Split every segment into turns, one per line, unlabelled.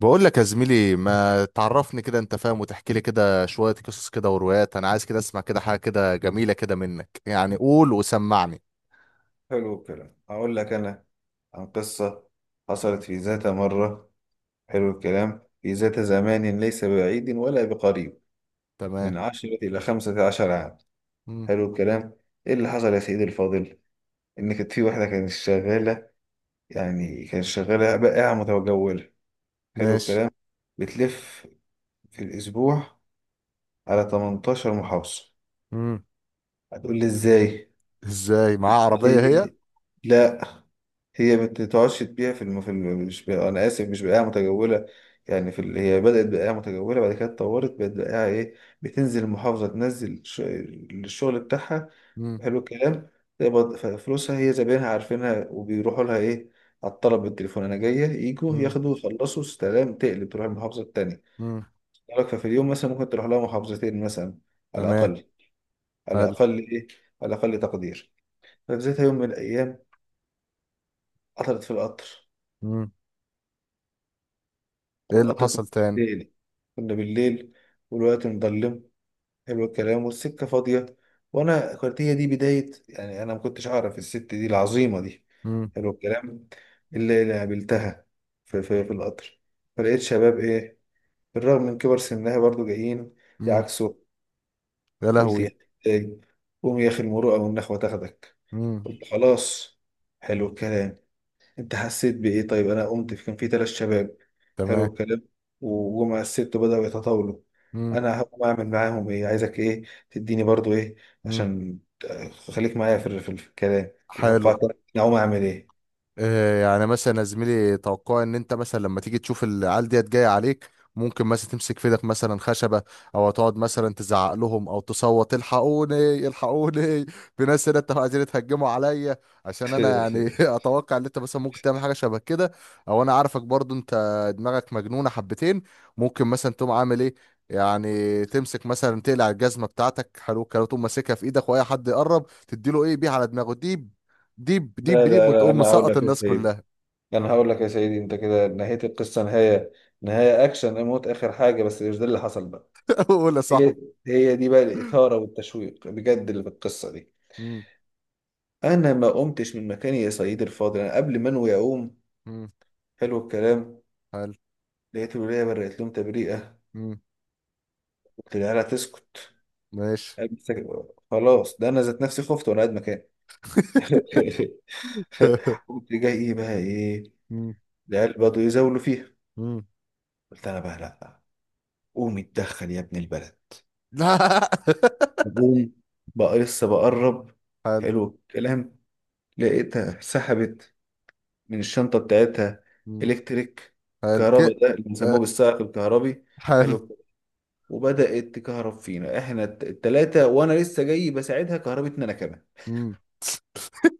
بقول لك يا زميلي ما تعرفني كده، انت فاهم، وتحكي لي كده شوية قصص كده وروايات. انا عايز كده اسمع كده حاجة كده جميلة كده منك، يعني قول وسمعني.
حلو الكلام، هقول لك أنا عن قصة حصلت في ذات مرة. حلو الكلام، في ذات زمان ليس بعيد ولا بقريب،
تمام.
من 10 إلى 15 عام.
مم.
حلو الكلام، إيه اللي حصل يا سيدي الفاضل؟ إن كانت في واحدة كانت شغالة، يعني كانت شغالة بائعة متجولة. حلو
ماشي.
الكلام، بتلف في الأسبوع على 18 محافظة.
مم.
هتقول لي إزاي؟
ازاي معاه
هي،
عربية هي؟
لا، هي ما بتقعدش تبيع في الم... في الم... مش ب... انا اسف، مش بقاعة متجولة، يعني في ال... هي بدأت بقاعة متجولة، بعد كده اتطورت بقت بقاعة ايه، بتنزل المحافظة تنزل ش... الشغل بتاعها.
مم.
حلو الكلام، تقبض ف- فلوسها، هي زباينها عارفينها وبيروحوا لها ايه، على الطلب بالتليفون، انا جاية يجوا
مم.
ياخدوا يخلصوا سلام، تقلب تروح المحافظة التانية.
مم.
لك ففي اليوم مثلا ممكن تروح لها محافظتين مثلا، على
تمام.
الأقل. على
حلو.
الأقل ايه؟ على الأقل تقدير. ففي ذات يوم من الأيام قطرت في القطر،
مم. ايه اللي
والقطر
حصل تاني؟
بالليل كنا بالليل، والوقت مظلم. حلو الكلام، والسكة فاضية، وأنا كانت هي دي بداية، يعني أنا ما كنتش أعرف الست دي العظيمة دي.
مم.
حلو الكلام، اللي قابلتها في القطر. فلقيت شباب إيه، بالرغم من كبر سنها برضو جايين
مم.
يعكسوا.
يا
قلت
لهوي.
يا إيه، قوم يا أخي، المروءة والنخوة تاخدك.
مم.
قلت خلاص. حلو الكلام، انت حسيت بايه؟ طيب انا قمت، في كان في ثلاث شباب. حلو
تمام.
الكلام، وجم الست بدأوا يتطاولوا.
مم.
انا هقوم اعمل معاهم ايه؟ عايزك ايه؟ تديني برضو ايه؟
مم.
عشان ت- خليك معايا في ال- في الكلام، تتوقع
حلو.
كده انا هقوم اعمل ايه؟
آه، يعني مثلا يا زميلي توقع ان انت مثلا لما تيجي تشوف العيال ديت جايه عليك، ممكن مثلا تمسك في ايدك مثلا خشبه، او تقعد مثلا تزعق لهم او تصوت الحقوني الحقوني. في ناس هنا، انتوا عايزين تهجموا عليا، عشان انا يعني. اتوقع ان انت مثلا ممكن تعمل حاجه شبه كده، او انا عارفك برضو انت، دماغك مجنونه حبتين، ممكن مثلا تقوم عامل ايه، يعني تمسك مثلا تقلع الجزمه بتاعتك، حلو الكلام، تقوم ماسكها في ايدك واي حد يقرب تديله ايه بيه على دماغه دي، ديب ديب
لا
ديب،
لا لا،
وتقوم
انا هقول
مسقط
لك يا
الناس
سيدي
كلها.
انا هقول لك يا سيدي انت كده نهاية القصة، نهاية، نهاية اكشن، اموت اخر حاجة، بس مش ده اللي حصل بقى.
قول يا
هي
صاحبي.
هي دي بقى الإثارة والتشويق بجد
مم،
اللي في القصة دي.
مم،
انا ما قمتش من مكاني يا سيدي الفاضل، انا قبل ما انوي اقوم،
مم،
حلو الكلام،
حلو.
لقيت الولية برقت لهم تبريئة.
مم،
قلت لها لا تسكت.
ماشي.
قالت سك- خلاص، ده انا ذات نفسي خفت وانا قاعد مكاني. قمت جاي ايه بقى ايه،
مم،
العيال بدوا يزاولوا فيها.
مم.
قلت انا بقى لا، قوم اتدخل يا ابن البلد.
لا.
قوم بقى لسه بقرب.
حلو.
حلو الكلام، لقيتها سحبت من الشنطة بتاعتها
مم،
الكتريك،
حلو كده.
كهرباء، ده اللي بنسموه
آه،
بالسائق الكهربي.
حلو.
حلو، وبدأت تكهرب فينا احنا الت- التلاتة، وانا لسه جاي بساعدها كهربتنا انا كمان.
مم.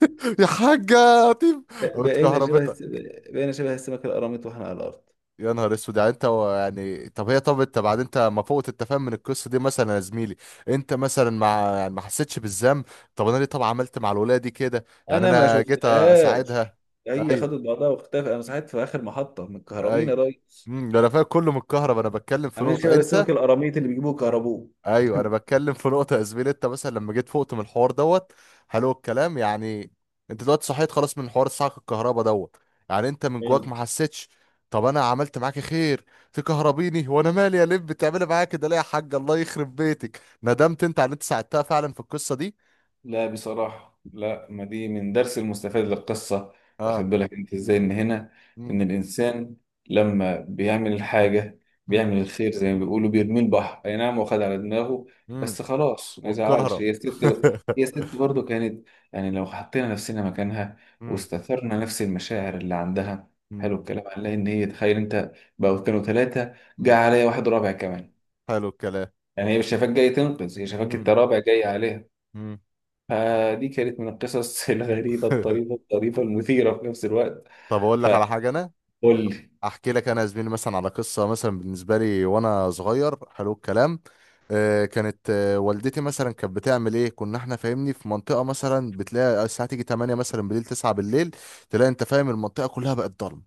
يا حاجة. طيب،
بقينا شبه الس-
اتكهربتك؟
بقينا شبه السمك القراميط واحنا على الارض.
يا نهار اسود! يعني انت و- يعني طب هي، طب انت بعد انت ما فوقت التفاهم من القصه دي مثلا يا زميلي، انت مثلا ما يعني ما حسيتش بالذنب؟ طب انا ليه طب عملت مع الولايه دي كده؟ يعني
انا ما
انا جيت
شفتهاش،
اساعدها.
هي خدت
ايوه.
بعضها واختفت، انا صحيت في اخر محطة من الكهربين
ايوه.
يا ريس،
امم، ده انا فاهم كله من الكهرباء، انا بتكلم في
عاملين شبه
نقطه انت.
السمك القراميط اللي بيجيبوه كهربوه.
ايوه، انا بتكلم في نقطه يا زميلي، انت مثلا لما جيت فقت من الحوار دوت، حلو الكلام، يعني انت دلوقتي صحيت خلاص من حوار الصعق الكهرباء دوت، يعني انت من جواك ما حسيتش، طب انا عملت معاك خير، تكهربيني وانا مالي يا لب؟ بتعملي معايا كده ليه يا حاج، الله يخرب بيتك! ندمت انت على اللي انت ساعدتها فعلا في القصه دي؟
لا بصراحة لا، ما دي من درس المستفاد للقصة. واخد
اه.
بالك انت ازاي ان هنا،
امم.
ان الانسان لما بيعمل الحاجة،
امم.
بيعمل الخير زي ما بيقولوا بيرمي البحر، اي نعم واخد على دماغه،
امم.
بس خلاص ما يزعلش.
والكهرب.
هي الست هي الست برضه كانت، يعني لو حطينا نفسنا مكانها
امم.
واستثرنا نفس المشاعر اللي عندها،
امم.
حلو الكلام، هنلاقي ان هي تخيل انت، بقوا كانوا ثلاثة، جه
امم.
عليا واحد رابع كمان،
حلو الكلام.
يعني هي مش شايفاك جاي تنقذ، هي شايفاك انت
امم.
رابع جاي عليها.
امم.
فدي كانت من القصص الغريبة الطريفة المثيرة في نفس الوقت.
طب اقول لك على حاجه انا،
فقول لي.
احكي لك انا يا زميلي مثلا على قصه مثلا بالنسبه لي وانا صغير. حلو الكلام. آه، كانت آه، والدتي مثلا كانت بتعمل ايه، كنا احنا فاهمني في منطقه مثلا بتلاقي الساعه تيجي 8 مثلا بالليل، 9 بالليل تلاقي انت فاهم المنطقه كلها بقت ضلمه.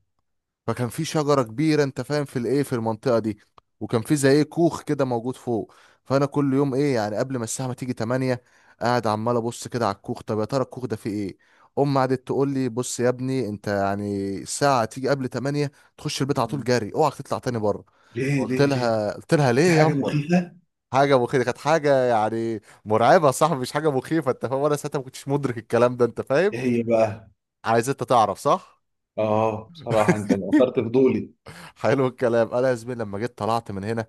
فكان في شجرة كبيرة انت فاهم في الايه في المنطقة دي، وكان في زي ايه كوخ كده موجود فوق. فانا كل يوم ايه يعني قبل ما الساعة ما تيجي 8، قاعد عمال ابص كده على الكوخ، طب يا ترى الكوخ ده فيه ايه؟ امي قعدت تقول لي بص يا ابني انت يعني الساعة تيجي قبل 8، تخش البيت على طول جري، اوعك تطلع تاني بره.
ليه
قلت
ليه ليه؟
لها قلت لها ليه
في
يا
حاجة
امه؟
مخيفة؟
حاجة مخيفة؟ كانت حاجة يعني مرعبة يا صاحبي، مش حاجة مخيفة انت فاهم، وانا ساعتها ما كنتش مدرك الكلام ده انت فاهم.
ايه هي بقى؟
عايز انت تعرف؟ صح.
اه بصراحة انت اثرت فضولي.
حلو الكلام. انا يا زميلي لما جيت طلعت من هنا،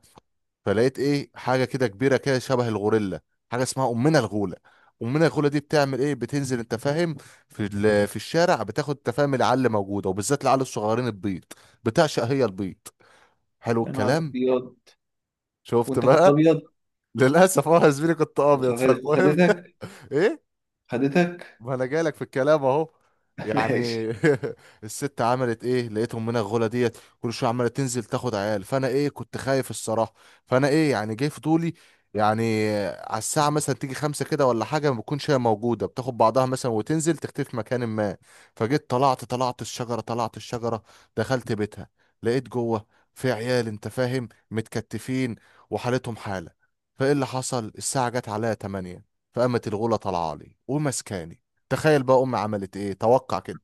فلقيت ايه حاجه كده كبيره كده شبه الغوريلا، حاجه اسمها امنا الغوله. امنا الغوله دي بتعمل ايه؟ بتنزل انت فاهم في ال- في الشارع، بتاخد انت فاهم العل موجوده، وبالذات العل الصغيرين البيض، بتعشق هي البيض، حلو
يا نهار
الكلام.
ابيض،
شفت
وانت كنت
بقى؟
ابيض.
للاسف اه يا زميلي، كنت ابيض.
وخد-
فالمهم،
وخدتك،
ايه،
خدتك.
ما انا جايلك في الكلام اهو، يعني.
ماشي.
الست عملت ايه؟ لقيتهم من الغلا ديت كل شويه عماله تنزل تاخد عيال، فانا ايه كنت خايف الصراحه. فانا ايه يعني جاي في طولي، يعني على الساعه مثلا تيجي خمسة كده ولا حاجه، ما بتكونش هي موجوده، بتاخد بعضها مثلا وتنزل تختفي في مكان ما. فجيت طلعت الشجره، دخلت بيتها، لقيت جوه في عيال انت فاهم متكتفين وحالتهم حاله. فايه اللي حصل؟ الساعه جت عليا 8، فقامت الغوله طالعه لي ومسكاني. تخيل بقى امي عملت ايه، توقع كده.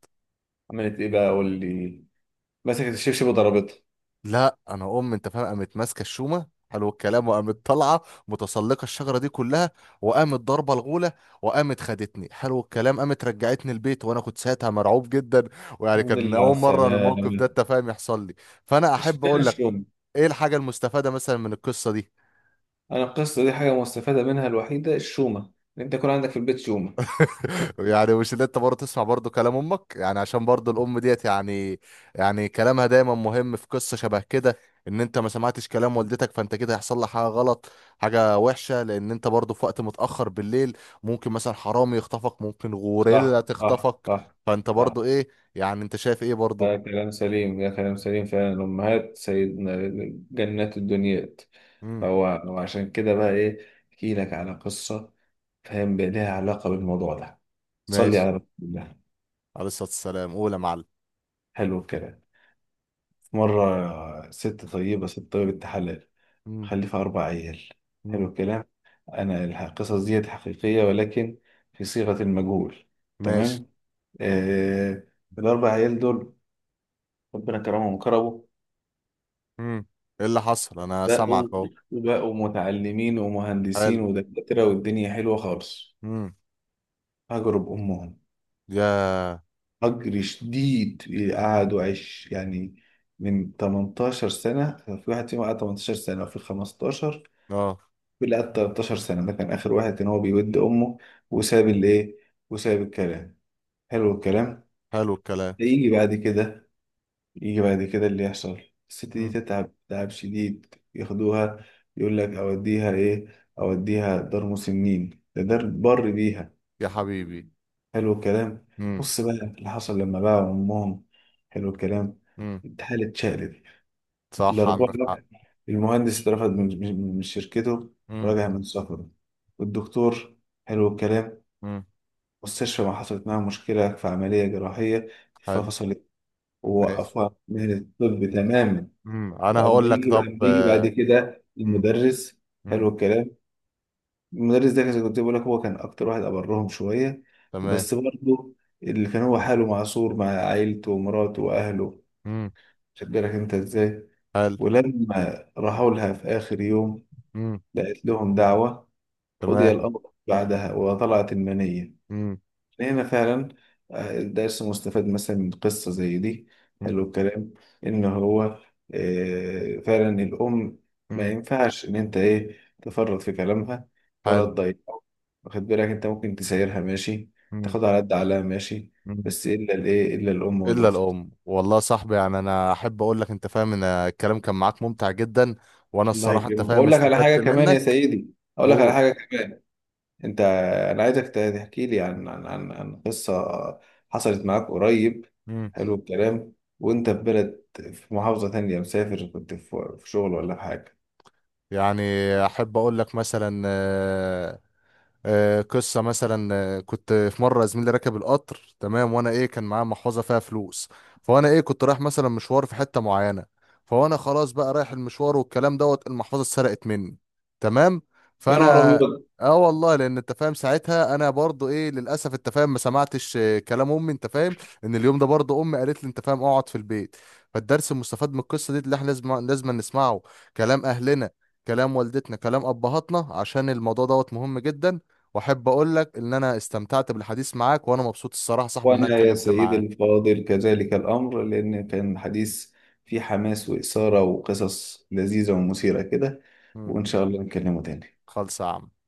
عملت ايه بقى؟ قول لي. مسكت الشبشب وضربتها؟
لا، انا امي انت فاهم قامت ماسكه الشومه، حلو الكلام، وقامت طالعه متسلقه الشجره دي كلها، وقامت ضاربه الغوله، وقامت خدتني، حلو الكلام، قامت رجعتني البيت، وانا كنت ساعتها مرعوب جدا، ويعني
الحمد
كان
لله على
اول مره الموقف ده
السلامة.
انت فاهم يحصل لي. فانا احب
اشمعنى
اقول لك
الشومة؟
ايه الحاجه المستفاده مثلا من القصه دي،
انا القصة دي حاجة مستفادة منها الوحيدة الشومة، ان انت يكون عندك في البيت شومة.
يعني مش اللي انت برضه تسمع برضه كلام امك، يعني عشان برضه الام ديت يعني، يعني كلامها دايما مهم في قصة شبه كده، ان انت ما سمعتش كلام والدتك فانت كده هيحصل لك حاجة غلط، حاجة وحشة، لان انت برضه في وقت متأخر بالليل ممكن مثلا حرامي يخطفك، ممكن غوريلا
صح صح
تخطفك،
صح
فانت
صح،
برضه ايه، يعني انت شايف ايه برضه؟
اه كلام سليم، يا كلام سليم فعلا. الأمهات سيدنا، جنات الدنيات.
امم.
هو وعشان كده بقى إيه، أحكي لك على قصة، فاهم بقى لها علاقة بالموضوع ده، صلي
ماشي.
على رسول الله.
عليه الصلاة والسلام، قول يا معلم.
حلو الكلام، في مرة ست طيبة حلال،
امم.
مخلفة أربع عيال. حلو
امم.
الكلام، أنا الح- القصص ديت حقيقية، ولكن في صيغة المجهول.
ماشي.
تمام، آه. الأربع عيال دول ربنا كرمهم وكرمه،
امم. ايه اللي حصل؟ انا سامعك
بقوا
اهو.
بقوا متعلمين ومهندسين
حلو.
ودكاترة، والدنيا حلوة خالص.
امم.
هجروا بأمهم
يا.
هجر شديد. قعدوا عش يعني، من 18 سنة، في واحد فيهم قعد 18 سنة، وفي 15،
اه.
في اللي قعد 13 سنة. ده كان آخر واحد إن هو بيود أمه، وساب الإيه، وساب الكلام. حلو الكلام،
حلو الكلام.
هيجي بعد كده، يجي بعد كده اللي يحصل. الست دي
مم.
تتعب تعب شديد، ياخدوها يقول لك اوديها ايه، اوديها دار مسنين، ده دار بر بيها.
يا حبيبي.
حلو الكلام،
مم.
بص بقى اللي حصل لما باعوا امهم. حلو الكلام،
مم.
الحالة اتشقلب.
صح،
الأربعة
عندك حق.
بقى، المهندس اترفد من شركته،
مم.
ورجع من سفره. والدكتور، حلو الكلام،
مم.
المستشفى ما حصلت معاها مشكلة في عملية جراحية
حلو.
ففصلت،
ماشي.
ووقفوها من الطب تماما.
مم. انا
واما
هقول لك
يجي
طب
اما يجي
آه،.
بعد كده
مم.
المدرس، حلو
مم.
الكلام، المدرس ده زي كنت بقول لك، هو كان اكتر واحد ابرهم شويه،
تمام.
بس برضه اللي كان هو حاله معصور مع عيلته ومراته واهله،
مم.
خد بالك انت ازاي.
حلو.
ولما راحوا لها في اخر يوم
مم.
لقيت لهم دعوه، قضي
تمام.
الامر بعدها وطلعت المنيه.
مم.
إن هنا فعلا، آه، الدرس مستفاد مثلا من قصة زي دي،
مم.
حلو الكلام، إن هو آه، فعلا الأم ما
مم.
ينفعش إن أنت إيه، تفرط في كلامها ولا
حلو.
تضايقه. واخد بالك أنت، ممكن تسايرها ماشي،
مم.
تاخدها على قد عقلها ماشي،
مم.
بس إلا الإيه، إلا الأم
الا
والأخت.
الام. والله يا صاحبي يعني انا احب اقول لك انت فاهم ان الكلام كان معاك ممتع جدا، وانا
الله
الصراحه انت
يكرمك،
فاهم
وأقول لك على حاجة
استفدت
كمان يا
منك.
سيدي، أقول لك على
اوه.
حاجة كمان. انت، انا عايزك تحكي لي عن عن قصة حصلت معاك قريب.
مم.
حلو الكلام، وانت في بلد، في محافظة تانية، مسافر كنت في شغل ولا في حاجة.
يعني احب اقول لك مثلا آه،. آه، قصة مثلا آه، كنت في مرة زميلي راكب القطر، تمام، وانا ايه كان معاه محفظة فيها فلوس، فانا ايه كنت رايح مثلا مشوار في حتة معينة، فانا خلاص بقى رايح المشوار والكلام دوت، المحفظة اتسرقت مني. تمام.
يا نهار
فانا
أبيض.
اه والله، لان انت فاهم ساعتها انا برضو ايه للاسف انت فاهم ما سمعتش آه، كلام امي انت فاهم، ان اليوم ده برضو امي قالت لي انت فاهم اقعد في البيت. فالدرس المستفاد من القصة دي اللي احنا لازم نسمعه كلام اهلنا، كلام والدتنا، كلام ابهاتنا، عشان الموضوع دوت مهم جدا. واحب اقول لك ان انا استمتعت بالحديث معاك، وانا مبسوط الصراحه يا صاحبي ان انا
وأنا يا
اتكلمت
سيدي
معاك.
الفاضل كذلك الأمر، لأن كان حديث فيه حماس وإثارة وقصص لذيذة ومثيرة كده،
مم.
وإن شاء الله نتكلموا تاني.
خالص يا عم.